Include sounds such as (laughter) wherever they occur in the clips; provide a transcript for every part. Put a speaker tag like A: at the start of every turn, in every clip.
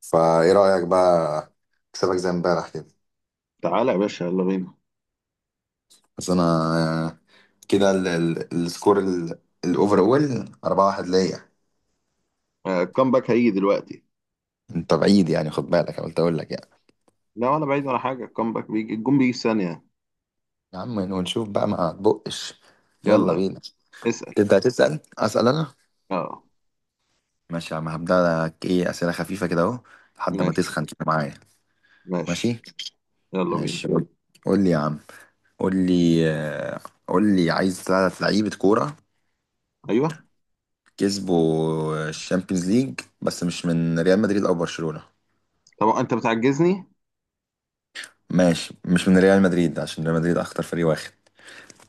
A: فايه رأيك بقى. اكسبك زي امبارح كده.
B: تعالى يا باشا، يلا بينا.
A: بس انا آه، كده السكور الاوفر اول 4-1 ليا.
B: الكامباك هيجي دلوقتي.
A: انت بعيد يعني، خد بالك قلت اقول لك يعني.
B: لا ولا بعيد ولا حاجة، الكامباك بيجي، الجون بيجي في ثانية.
A: يا عم ونشوف بقى ما تبقش. يلا
B: يلا
A: بينا.
B: اسأل.
A: تبدأ تسأل. اسأل انا.
B: اه.
A: ماشي يا عم، هبدأ لك ايه اسئلة خفيفة كده اهو لحد ما
B: ماشي
A: تسخن كده معايا.
B: ماشي.
A: ماشي.
B: يلا بينا.
A: ماشي. قول. قول لي يا عم. قول لي. قول لي عايز ثلاث لعيبة كورة
B: ايوه.
A: كسبوا الشامبيونز ليج، بس مش من ريال مدريد او برشلونة.
B: طب انت بتعجزني.
A: ماشي، مش من ريال مدريد عشان ريال مدريد اخطر فريق واخد.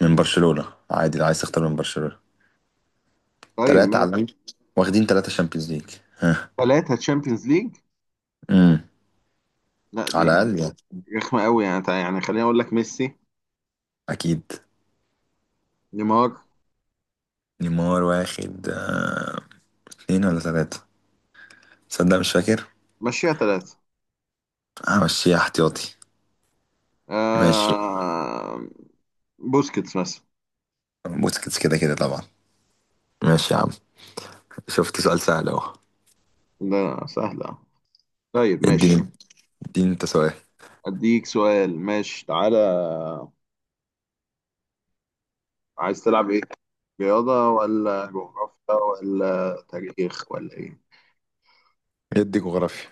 A: من برشلونة عادي لو عايز تختار من برشلونة.
B: طيب
A: تلاتة
B: ماشي.
A: على الأقل واخدين تلاتة شامبيونز ليج، ها.
B: ثلاثة تشامبيونز ليج.
A: امم.
B: لا دي
A: على
B: يعني
A: الأقل يعني.
B: رخمة قوي يعني يعني خليني اقول لك ميسي،
A: أكيد.
B: نيمار.
A: نيمار واخد اتنين ولا تلاتة، تصدق مش فاكر.
B: مشيها ثلاثة.
A: همشيها احتياطي. ماشي.
B: آه... بوسكيتس مثلا.
A: بوسكيتس كده كده طبعا. ماشي يا عم، شفت سؤال سهل اهو.
B: ده سهلة. طيب ماشي.
A: اديني. اديني انت سؤال.
B: اديك سؤال ماشي، تعالى. عايز تلعب ايه؟ رياضة ولا جغرافيا ولا تاريخ ولا إيه؟
A: ادي جغرافيا.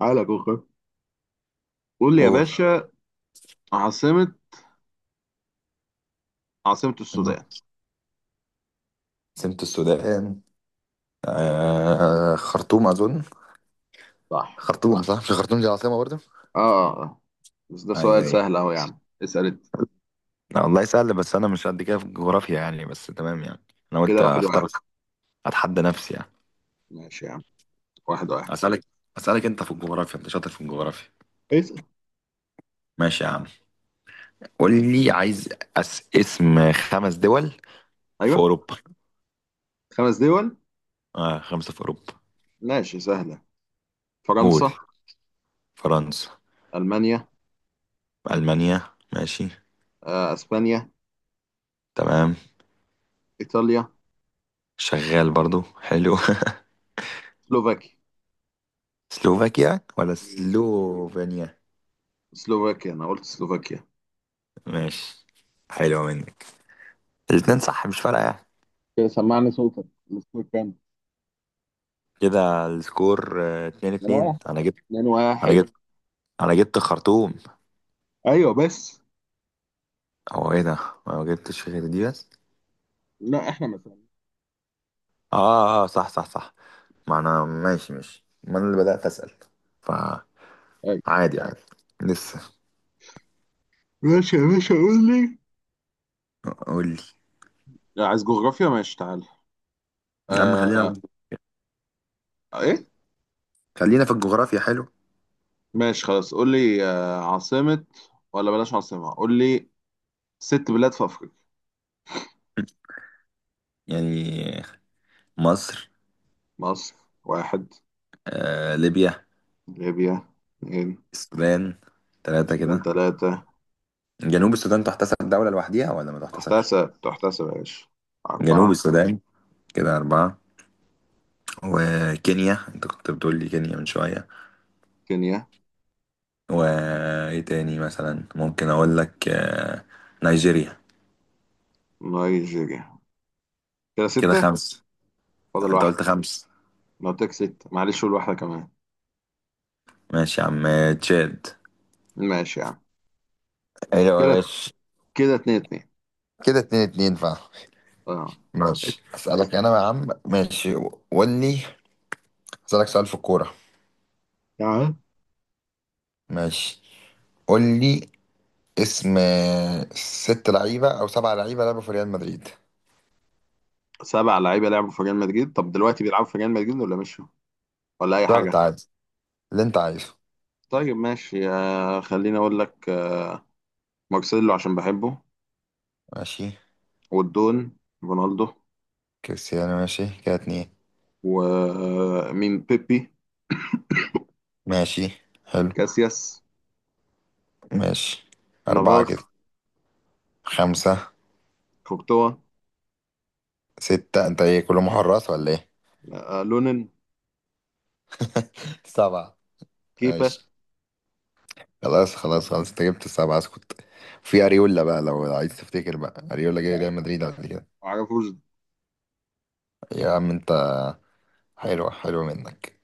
B: على جغرافيا. قول لي يا
A: قول.
B: باشا. عاصمة، عاصمة السودان.
A: سمت السودان؟ آه خرطوم أظن.
B: صح.
A: خرطوم صح، مش خرطوم دي العاصمة برضه؟
B: آه آه آه. بس ده
A: ايوه
B: سؤال
A: ايوه.
B: سهل أهو، يا عم اسأل أنت.
A: لا، والله سهل بس انا مش قد كده في الجغرافيا يعني، بس تمام يعني. انا قلت
B: كده واحد
A: اختار.
B: واحد.
A: اتحدى نفسي يعني.
B: ماشي يا عم. واحد واحد.
A: اسالك. اسالك انت في الجغرافيا، انت شاطر في الجغرافيا.
B: اسأل.
A: ماشي يا عم. قول لي عايز اسم خمس دول في
B: أيوه،
A: اوروبا.
B: خمس دول.
A: اه خمسة في اوروبا.
B: ماشي سهلة.
A: قول.
B: فرنسا،
A: فرنسا.
B: ألمانيا،
A: المانيا. ماشي.
B: أسبانيا،
A: تمام.
B: إيطاليا،
A: شغال برضو، حلو.
B: سلوفاكيا.
A: (laughs) سلوفاكيا ولا
B: مم.
A: سلوفينيا.
B: سلوفاكيا، أنا قلت سلوفاكيا.
A: ماشي، حلوة منك. الاتنين صح، مش فارقة يعني.
B: كده سمعني صوتك. السكور كام؟
A: كده السكور اتنين
B: من
A: اتنين
B: واحد.
A: انا جبت
B: اتنين
A: انا
B: واحد.
A: جبت انا جبت خرطوم.
B: ايوه بس.
A: هو ايه ده، انا ما جبتش غير دي بس.
B: لا احنا مثلا.
A: اه. اه صح صح صح. ما انا ماشي ماشي، ما انا اللي بدأت اسأل فعادي. عادي. لسه.
B: ماشي يا باشا، قول لي.
A: قول لي
B: لا، عايز جغرافيا ماشي، تعال.
A: يا عم. خلينا.
B: آه. ايه؟
A: خلينا في الجغرافيا، حلو.
B: ماشي خلاص قول لي. آه، عاصمة، ولا بلاش عاصمة، قول لي ست بلاد في أفريقيا.
A: يعني مصر.
B: مصر. واحد.
A: آه ليبيا.
B: ليبيا. اثنين.
A: السودان، ثلاثة
B: السودان
A: كده.
B: ثلاثة.
A: جنوب السودان تحتسب دولة لوحديها ولا ما تحتسبش؟
B: تحتسب تحتسب يا باشا.
A: جنوب
B: أربعة.
A: السودان، كده أربعة. وكينيا، أنت كنت بتقول لي كينيا من شوية.
B: كينيا.
A: وايه تاني مثلا، ممكن اقول لك نيجيريا.
B: نيجيريا. كده
A: كده
B: ستة.
A: خمس.
B: فاضل
A: انت قلت
B: واحدة.
A: خمس.
B: لو تك ستة معلش قول واحدة كمان.
A: ماشي يا عم، تشاد.
B: ماشي يعني.
A: ايوه
B: كده
A: ماشي.
B: كده اتنين اتنين.
A: كده 2-2 فعلا.
B: اه.
A: ماشي اسألك انا يا عم، ماشي. قول لي. اسألك سؤال في الكورة.
B: تعال.
A: ماشي. قول لي. اسم ست لعيبة او سبع لعيبة لعبوا في ريال مدريد.
B: سبع لعيبة لعبوا في ريال مدريد؟ طب دلوقتي بيلعبوا في ريال مدريد ولا مشوا؟ ولا اي
A: اخترت،
B: حاجه؟
A: عادي اللي انت عايزه.
B: طيب ماشي. خليني اقول لك مارسيلو عشان بحبه.
A: ماشي.
B: والدون رونالدو.
A: كريستيانو، ماشي كده اتنين.
B: ومين؟ بيبي،
A: ماشي. حلو.
B: كاسياس،
A: ماشي. اربعة
B: نافاس،
A: كده. خمسة.
B: كورتوا،
A: ستة. انت ايه، كله محرص ولا ايه؟
B: لونين،
A: (laughs) سبعة.
B: كيبا.
A: ماشي. خلاص خلاص خلاص انت جبت السبعة، اسكت. في اريولا بقى لو عايز تفتكر بقى، اريولا جاي ريال مدريد قبل كده.
B: معرفوش.
A: يا عم انت. حلوة حلوة منك.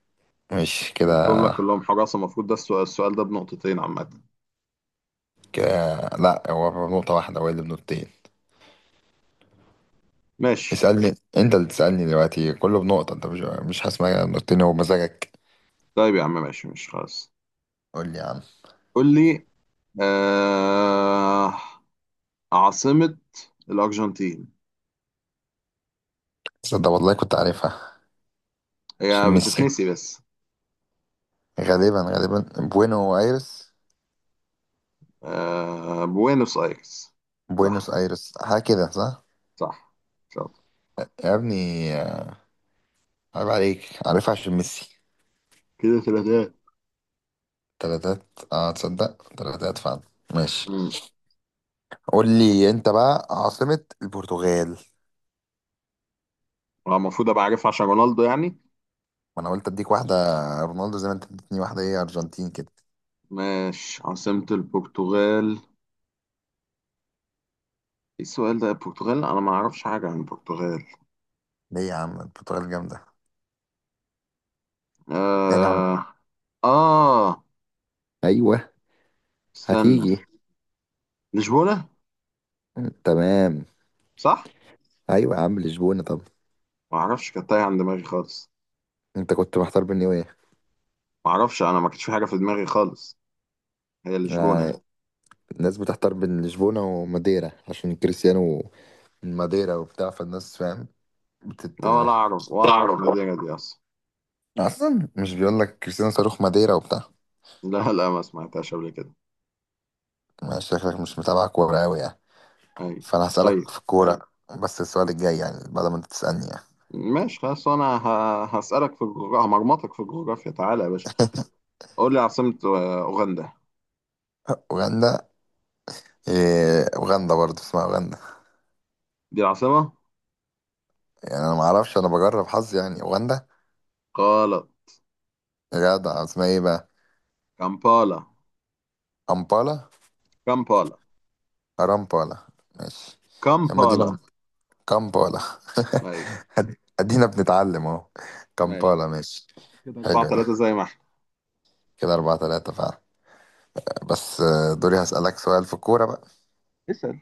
A: ماشي
B: قلتهم
A: كده
B: لك كلهم حراسه، المفروض ده السؤال، السؤال ده بنقطتين عامه.
A: كده. لا هو بنقطة واحدة، هو اللي بنقطتين.
B: ماشي.
A: اسألني. انت اللي تسألني دلوقتي، كله بنقطة. انت مش هسمع نقطتين، هو مزاجك.
B: طيب يا عم ماشي ماشي خلاص.
A: قول لي يا عم.
B: قول لي. آه، عاصمه الارجنتين.
A: صدق والله كنت عارفها. عشان
B: هي
A: ميسي.
B: بتتنسي بس.
A: غالبا غالبا. بوينو ايرس.
B: آه، بوينوس ايرس. صح.
A: بوينوس ايرس حاجة كده، صح؟
B: صح. شاطر.
A: يا ابني. عيب عليك، عارفها عشان ميسي.
B: كده ثلاثات.
A: 3-3. اه تصدق 3-3 فعلا. ماشي.
B: امم.
A: قول لي انت بقى عاصمة البرتغال.
B: المفروض ابقى عارف عشان رونالدو يعني.
A: ما انا قلت اديك واحدة. رونالدو، زي ما انت اديتني واحدة ايه، ارجنتين كده.
B: ماشي. عاصمة البرتغال. ايه السؤال ده؟ البرتغال انا ما اعرفش حاجة عن البرتغال.
A: ليه يا عم، البرتغال جامدة. يا نعم.
B: آه. آه.
A: ايوه.
B: استنى.
A: هتيجي.
B: لشبونة.
A: تمام.
B: صح.
A: ايوه يا عم لشبونة، طب.
B: ما اعرفش كانت تايهة عن دماغي خالص.
A: انت كنت محتار بين ايه؟
B: ما اعرفش، انا ما كانتش في حاجة في دماغي خالص. هي لشبونة.
A: آه، الناس بتحتار بين لشبونة وماديرا عشان كريستيانو من ماديرا وبتاع، فالناس فاهم. بتت.
B: لا ولا اعرف، ولا اعرف
A: تعرف.
B: المدينة دي اصلا.
A: اصلا مش بيقول لك كريستيانو صاروخ ماديرا وبتاع.
B: لا لا ما سمعتهاش قبل كده.
A: ما شكلك مش متابع كورة أوي يعني.
B: ايوه.
A: فأنا
B: طيب
A: هسألك في الكورة، بس السؤال الجاي يعني بعد ما أنت تسألني يعني.
B: ماشي خلاص، انا هسألك في الجغرافيا، همرمطك في الجغرافيا. تعالى يا باشا. قول لي عاصمة أوغندا.
A: أوغندا. إيه أوغندا برضه اسمها أوغندا؟
B: دي العاصمة.
A: يعني أنا معرفش، أنا بجرب حظي يعني، أوغندا.
B: غلط.
A: جدع اسمها إيه بقى؟
B: كامبالا.
A: أمبالا.
B: كامبالا.
A: أرامبالا. ماشي. يا
B: كامبالا.
A: مدينة. كامبالا.
B: أيوة.
A: (laughs) أد- أدينا بنتعلم أهو.
B: ماشي.
A: كامبالا ماشي.
B: كده
A: حلو
B: أربعة ثلاثة
A: ده.
B: زي ما احنا.
A: كده 4-3 فعلا. بس دوري هسألك سؤال في الكورة بقى.
B: اسأل.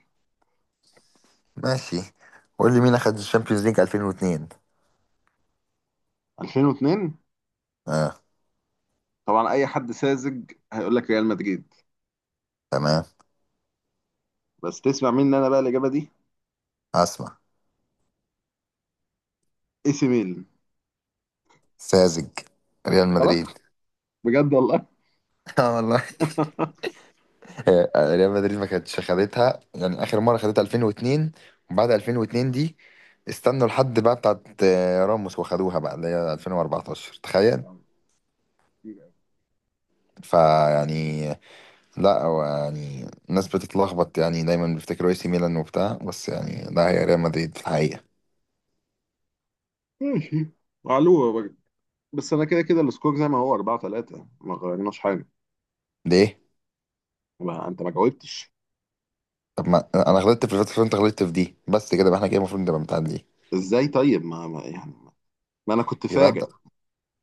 A: ماشي. قول لي مين أخد الشامبيونز ليج 2002.
B: 2002.
A: اه.
B: طبعا أي حد ساذج هيقول لك ريال مدريد.
A: تمام.
B: بس تسمع مني أنا بقى الإجابة دي.
A: اسمع.
B: إي سي ميلان.
A: ساذج. ريال
B: غلط.
A: مدريد.
B: بجد والله. (laughs)
A: (laughs) اه والله. ريال مدريد ما كانتش خدتها يعني، اخر مره خدتها 2002. وبعد 2002 دي استنوا لحد بقى بتاعت راموس وخدوها بقى اللي هي 2014، تخيل. فيعني. لا هو يعني الناس بتتلخبط يعني، دايما بيفتكروا اي سي ميلان وبتاع، بس يعني لا هي ريال مدريد في الحقيقه.
B: ماشي. معلومة بجد. بس أنا كده كده السكور زي ما هو، 4-3، ما غيرناش حاجة.
A: ليه؟
B: ما أنت ما جاوبتش.
A: طب ما انا غلطت في الفتره، انت غلطت في دي بس كده، يبقى احنا كده المفروض نبقى متعادلين.
B: إزاي طيب يعني ما أنا كنت
A: يبقى انت.
B: فاجئ.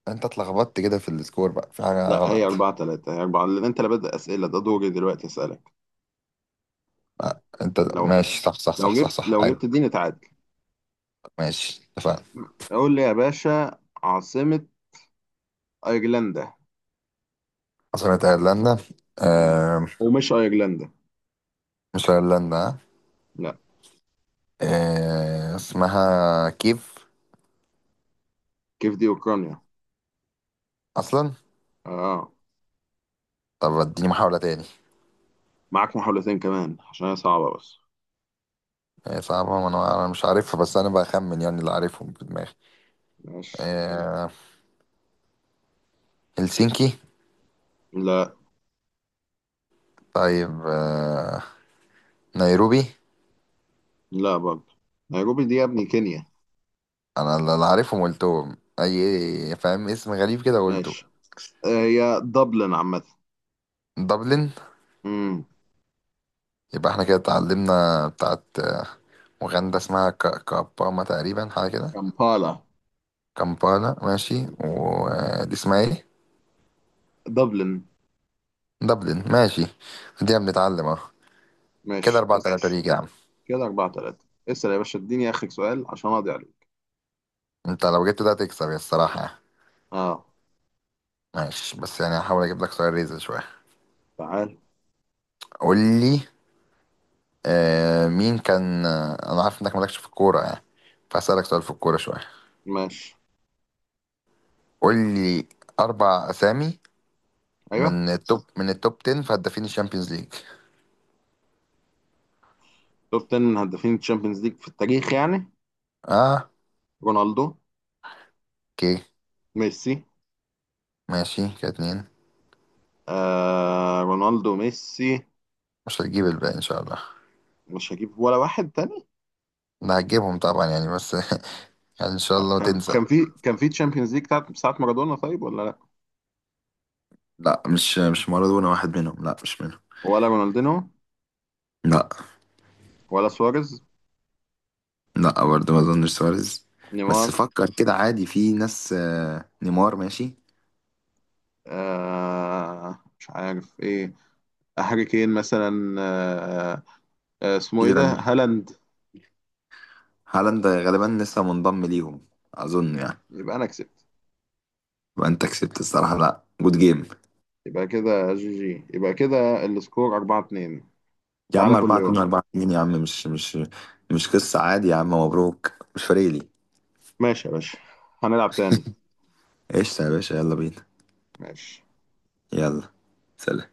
A: انت اتلخبطت كده في السكور بقى، في حاجه
B: لا
A: غلط.
B: هي أربعة تلاتة. هي أربعة، لأن أنت اللي بدأ أسئلة، ده دوري دلوقتي أسألك.
A: انت
B: لو،
A: ماشي صح صح
B: لو
A: صح صح
B: جبت،
A: صح
B: لو جبت
A: ايوه.
B: دي نتعادل.
A: ماشي اتفقنا.
B: قول لي يا باشا، عاصمة أيرلندا.
A: عاصمة ايرلندا.
B: مم.
A: آه.
B: ومش أيرلندا.
A: مش ايرلندا.
B: لا.
A: آه اسمها كيف؟
B: كيف دي أوكرانيا.
A: اصلا.
B: آه.
A: طب اديني محاولة تاني.
B: معاك محاولتين كمان عشان هي صعبة بس.
A: آه صعبة، ما انا أنا مش عارفها بس انا بخمن يعني اللي عارفهم في دماغي.
B: ماشي.
A: آه. هلسنكي.
B: لا.
A: طيب آه. نيروبي.
B: لا برضه. نيروبي دي يا ابني كينيا.
A: انا اللي عارفهم قلتهم، اي فاهم اسم غريب كده قلته.
B: ماشي. آه، هي دبلن عامة.
A: دبلن.
B: امم.
A: يبقى احنا كده اتعلمنا بتاعت وغندا اسمها كاباما تقريبا، حاجة كده.
B: كامبالا.
A: كامبالا ماشي، ودي اسمها ايه؟
B: دبلن.
A: دبلن ماشي. دي بنتعلم اهو. كده
B: ماشي
A: أربعة
B: اسأل.
A: تلاتة ماشي ليك يا عم.
B: كده أربعة تلاتة اسأل يا باشا، اديني آخر سؤال عشان أقضي عليك.
A: انت لو جبت ده تكسب يا، الصراحة يعني.
B: اه.
A: ماشي، بس يعني هحاول اجيب لك سؤال ريزل شوية.
B: تعال.
A: قول لي. آه مين كان. آه انا عارف انك مالكش في الكورة يعني، فاسألك سؤال في الكورة شوية.
B: ماشي.
A: قول لي. اربع اسامي.
B: ايوه.
A: من التوب 10 في هدافين الشامبيونز ليج.
B: توب 10 هدافين تشامبيونز ليج في التاريخ يعني.
A: اه.
B: رونالدو.
A: اوكي.
B: ميسي.
A: ماشي كده اتنين.
B: آه، رونالدو، ميسي.
A: مش هتجيب الباقي ان شاء الله.
B: مش هجيب ولا واحد تاني.
A: انا هتجيبهم طبعا يعني بس. (laughs) يعني ان شاء الله ما
B: كان
A: تنسى.
B: كان في كان في تشامبيونز ليج بتاعت ساعة مارادونا طيب ولا لا؟
A: لا مش مارادونا واحد منهم، لا مش منهم.
B: ولا رونالدينو؟
A: لا.
B: ولا سواريز؟
A: لا برضه، ما اظنش سواريز. بس
B: نيمار.
A: فكر كده عادي في ناس، نيمار ماشي.
B: آه مش عارف ايه. هاري كين مثلا. آه. آه اسمه
A: في
B: ايه ده؟
A: ليفاندو-
B: هالاند.
A: هالاند غالبا لسه منضم ليهم، اظن يعني.
B: يبقى انا كسبت.
A: يبقى انت كسبت الصراحه، لا جود جيم.
B: يبقى كده جي جي، يبقى كده السكور 4-2.
A: يا عم
B: تعالى كل
A: 4 2
B: يوم.
A: 4 2 يا عم، مش مش قصه، عادي يا عم، مبروك مش فارق لي.
B: ماشي يا باشا، هنلعب تاني.
A: قشطه يا باشا، يلا بينا.
B: ماشي.
A: يلا. سلام.